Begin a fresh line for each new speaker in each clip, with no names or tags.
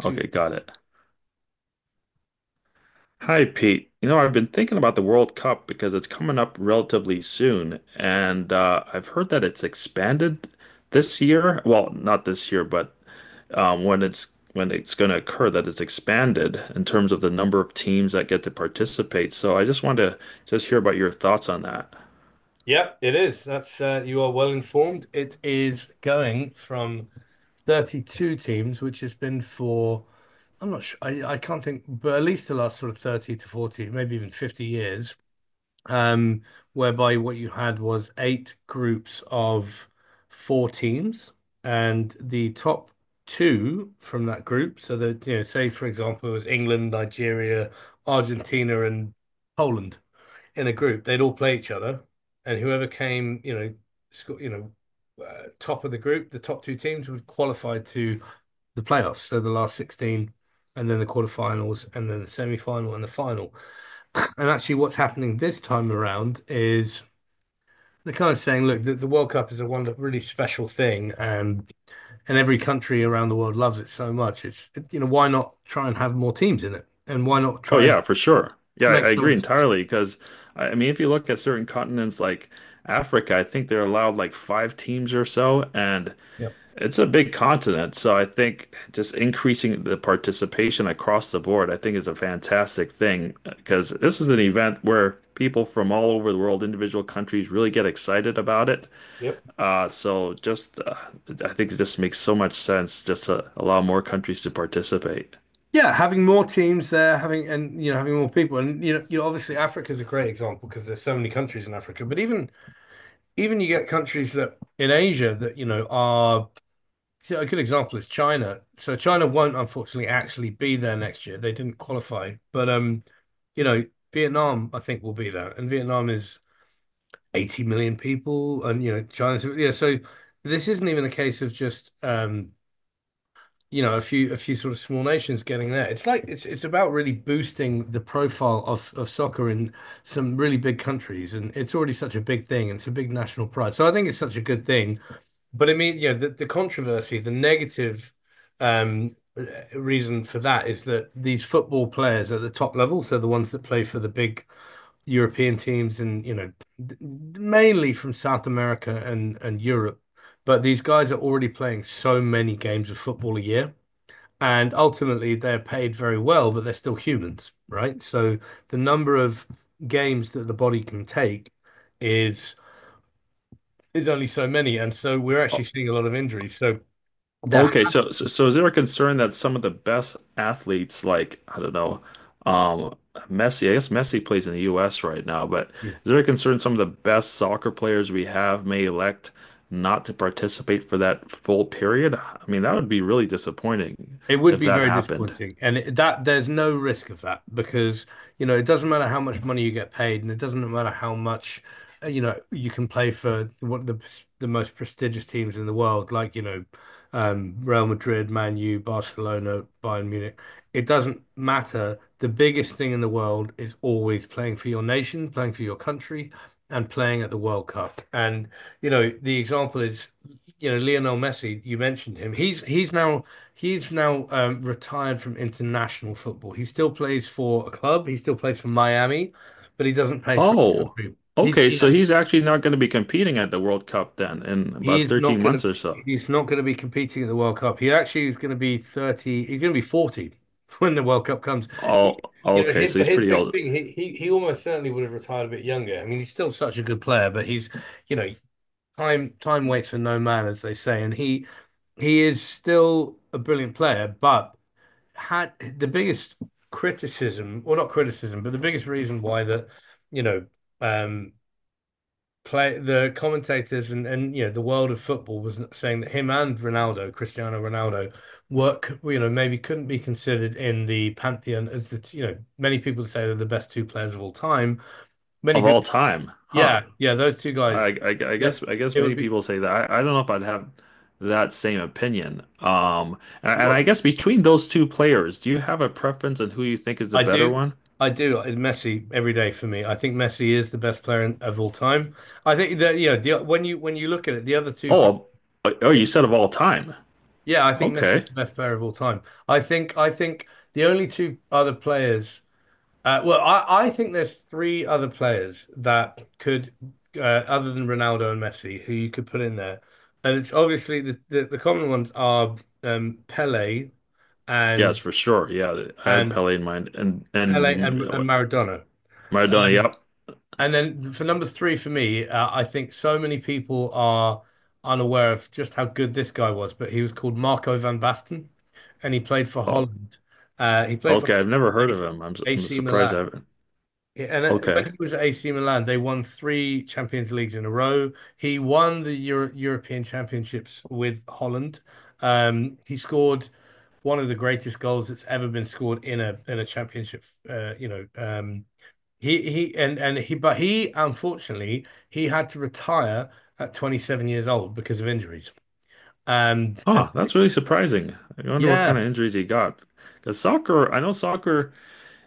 Two.
Okay, got it. Hi, Pete. You know, I've been thinking about the World Cup because it's coming up relatively soon, and I've heard that it's expanded this year. Well, not this year, but um, when it's when it's going to occur, that it's expanded in terms of the number of teams that get to participate. So I just wanted to just hear about your thoughts on that.
Yep, it is. That's you are well informed. It is going from 32 teams, which has been for, I'm not sure, I can't think, but at least the last sort of 30 to 40, maybe even 50 years, um, whereby what you had was eight groups of four teams, and the top two from that group. So that, you know, say for example, it was England, Nigeria, Argentina, and Poland in a group, they'd all play each other, and whoever came, you know, sco- you know, top of the group, the top two teams would qualify to the playoffs. So the last 16, and then the quarterfinals, and then the semi-final and the final. And actually, what's happening this time around is they're kind of saying, look, the World Cup is a one really special thing, and every country around the world loves it so much. It's, you know, why not try and have more teams in it, and why not
Oh
try and
yeah, for sure. Yeah, I,
make
I agree
some.
entirely because I mean, if you look at certain continents like Africa, I think they're allowed like five teams or so, and
Yep.
it's a big continent, so I think just increasing the participation across the board, I think is a fantastic thing because this is an event where people from all over the world, individual countries, really get excited about it.
Yep.
So just, I think it just makes so much sense just to allow more countries to participate.
Yeah, having more teams there, having and, you know, having more people, and you know, you know, obviously Africa's a great example because there's so many countries in Africa. But even you get countries that in Asia that you know are so a good example is China. So China won't unfortunately actually be there next year. They didn't qualify, but you know, Vietnam I think will be there, and Vietnam is 80 million people, and you know China's yeah. So this isn't even a case of just you know, a few sort of small nations getting there. It's like it's about really boosting the profile of soccer in some really big countries, and it's already such a big thing. It's a big national pride, so I think it's such a good thing. But I mean, you know, the controversy, the negative um, reason for that is that these football players at the top level, so the ones that play for the big European teams, and you know, mainly from South America and Europe. But these guys are already playing so many games of football a year and ultimately, they're paid very well, but they're still humans, right? So the number of games that the body can take is is only so many, and so we're actually seeing a lot of injuries. So there
Okay, so is there a concern that some of the best athletes, like I don't know, um, Messi, I guess Messi plays in the U.S. right now, but is there a concern some of the best soccer players we have may elect not to participate for that full period? I mean, that would be really disappointing
It would
if
be
that
very
happened.
disappointing, and it, that there's no risk of that because you know it doesn't matter how much money you get paid, and it doesn't matter how much you know you can play for one of the most prestigious teams in the world, like you know Real Madrid, Man U, Barcelona, Bayern Munich. It doesn't matter. The biggest thing in the world is always playing for your nation, playing for your country, and playing at the World Cup. And you know the example is you know Lionel Messi. You mentioned him. He's now retired from international football. He still plays for a club. He still plays for Miami, but he doesn't play for his
Oh,
country. He's
okay,
yeah,
so he's actually not going to be competing at the World Cup then in
he
about
is not
13
gonna
months or so.
he's not gonna be competing at the World Cup. He actually is gonna be 30, he's gonna be 40 when the World Cup comes. He,
Oh,
you know,
okay,
him,
so
but
he's
his
pretty
big
old
thing, he almost certainly would have retired a bit younger. I mean, he's still such a good player, but he's, you know, time waits for no man, as they say, and he is still a brilliant player, but had the biggest criticism, or not criticism, but the biggest reason why that, you know, um, play the commentators and you know the world of football was saying that him and Ronaldo, Cristiano Ronaldo, work, you know, maybe couldn't be considered in the pantheon as the, you know, many people say they're the best two players of all time. Many
of all
people,
time, huh?
yeah, yeah, those two guys,
I guess
that
I guess
it would
many
be.
people say that. I don't know if I'd have that same opinion. And I
What
guess between those two players, do you have a preference on who you think is the
I
better
do.
one?
I do. Messi every day for me. I think Messi is the best player in, of all time. I think that yeah, the, when you look at it, the other two people,
Oh, oh,
yeah,
you said of all time.
yeah, I think Messi's
Okay.
the best player of all time. I think the only two other players well, I think there's three other players that could other than Ronaldo and Messi who you could put in there. And it's obviously the common ones are um, Pele
Yes,
and
for sure. Yeah, I had
and
Pele in mind, and
Pele
and
and Maradona.
Maradona. Yep.
And then for number three for me, I think so many people are unaware of just how good this guy was, but he was called Marco van Basten, and he played for
Oh,
Holland. He played for
okay. I've never heard of
Holland,
him. I'm
AC
surprised
Milan.
I haven't.
And when
Okay.
he was at AC Milan, they won three Champions Leagues in a row. He won the Euro European Championships with Holland. He scored one of the greatest goals that's ever been scored in a championship, uh, you know, um, he and he but he unfortunately he had to retire at 27 years old because of injuries. And
Huh, that's really surprising. I wonder what
yeah,
kind of injuries he got. Because soccer, I know soccer.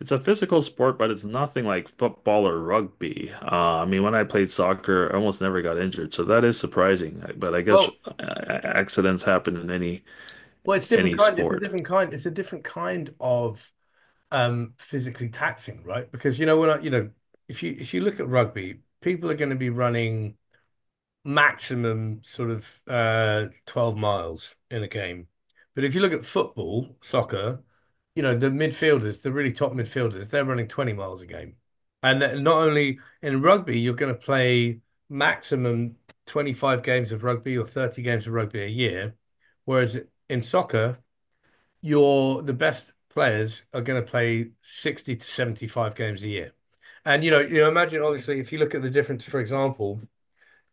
It's a physical sport, but it's nothing like football or rugby. I mean, when I played soccer, I almost never got injured, so that is surprising. But I guess
well
accidents happen in any
well it's different
any
kind it's a
sport.
different kind it's a different kind of physically taxing, right? Because you know when I you know if you look at rugby, people are going to be running maximum sort of 12 miles in a game. But if you look at football, soccer, you know, the midfielders, the really top midfielders, they're running 20 miles a game. And not only in rugby, you're going to play maximum 25 games of rugby or 30 games of rugby a year. Whereas in soccer, you're the best players are going to play 60 to 75 games a year. And you know, imagine obviously if you look at the difference, for example,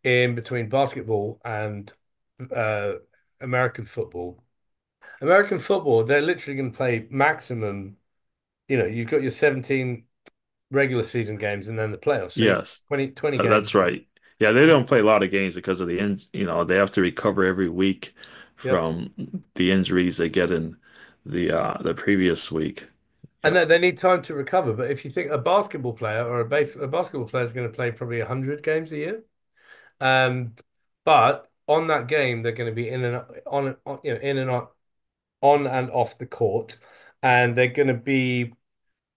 in between basketball and uh, American football. American football, they're literally going to play maximum. You know, you've got your 17 regular season games and then the playoffs. So you
Yes,
20, twenty games.
that's right. Yeah, they don't play a lot of games because of the in, you know, they have to recover every week
Yep.
from the injuries they get in the previous week. Yeah.
And they need time to recover. But if you think a basketball player or a basketball player is going to play probably 100 games a year, um, but on that game they're going to be in and on you know in and on and off the court, and they're going to be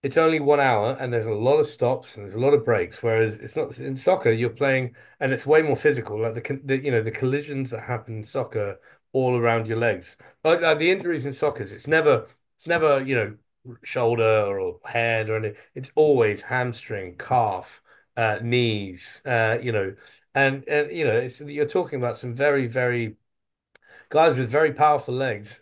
it's only 1 hour and there's a lot of stops and there's a lot of breaks. Whereas it's not in soccer, you're playing and it's way more physical. Like the, con- the you know the collisions that happen in soccer all around your legs. Like the injuries in soccer, it's never you know shoulder or head or anything. It's always hamstring, calf, knees. You know, and you know it's, you're talking about some very very guys with very powerful legs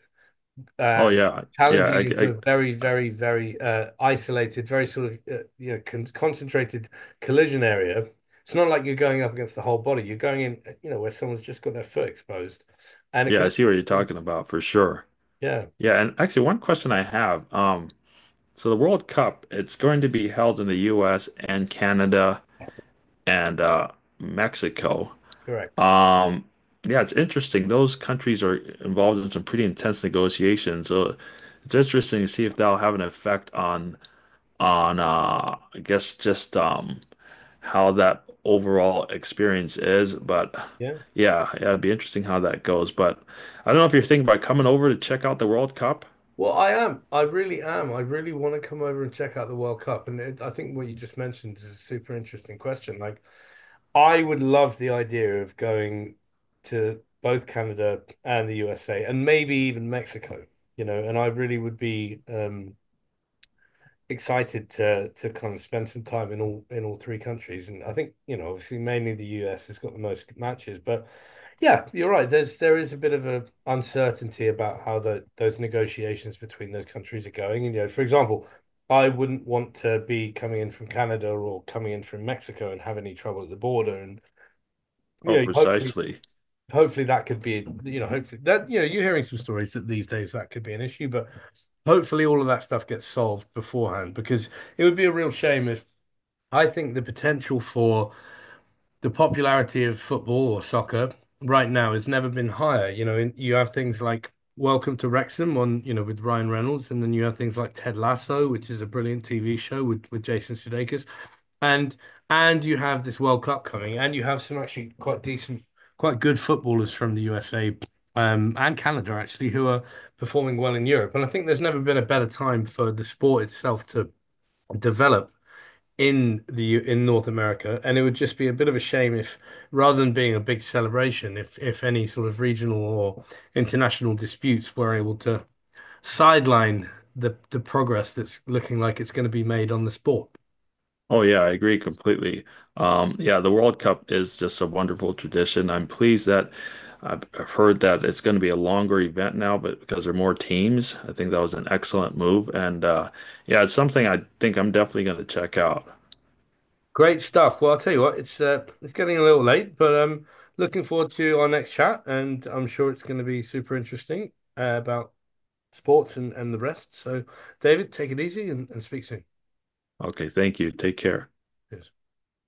Oh
uh,
yeah, yeah,
challenging into a
I,
very,
I,
very, very isolated, very sort of you know concentrated collision area. It's not like you're going up against the whole body. You're going in, you know, where someone's just got their foot exposed, and it
yeah,
can,
I see what you're talking about for sure.
yeah,
Yeah, and actually, one question I have, so the World Cup, it's going to be held in the U.S. and Canada and Mexico.
correct,
Um, yeah, it's interesting. Those countries are involved in some pretty intense negotiations, so it's interesting to see if that'll have an effect on I guess just how that overall experience is. But
yeah.
yeah, it'd be interesting how that goes. But I don't know if you're thinking about coming over to check out the World Cup.
Well, I am. I really am. I really want to come over and check out the World Cup, and it, I think what you just mentioned is a super interesting question. Like, I would love the idea of going to both Canada and the USA and maybe even Mexico, you know, and I really would be excited to kind of spend some time in all three countries. And I think, you know, obviously mainly the US has got the most matches, but yeah, you're right. There is a bit of a uncertainty about how the those negotiations between those countries are going. And you know, for example, I wouldn't want to be coming in from Canada or coming in from Mexico and have any trouble at the border and
Oh,
yeah, hopefully,
precisely.
hopefully that could be, you know, hopefully that, you know, you're hearing some stories that these days that could be an issue, but hopefully all of that stuff gets solved beforehand because it would be a real shame if I think the potential for the popularity of football or soccer right now has never been higher. You know, you have things like Welcome to Wrexham on, you know, with Ryan Reynolds, and then you have things like Ted Lasso, which is a brilliant TV show with Jason Sudeikis, and and you have this World Cup coming, and you have some actually quite decent, quite good footballers from the USA. And Canada actually, who are performing well in Europe, and I think there's never been a better time for the sport itself to develop in North America, and it would just be a bit of a shame if, rather than being a big celebration, if any sort of regional or international disputes were able to sideline the progress that's looking like it's going to be made on the sport.
Oh yeah, I agree completely. Yeah, the World Cup is just a wonderful tradition. I'm pleased that I've heard that it's going to be a longer event now, but because there are more teams, I think that was an excellent move. And yeah, it's something I think I'm definitely going to check out.
Great stuff. Well, I'll tell you what, it's getting a little late, but looking forward to our next chat, and I'm sure it's going to be super interesting about sports and the rest. So, David, take it easy and speak soon.
Okay, thank you. Take care.
Cheers.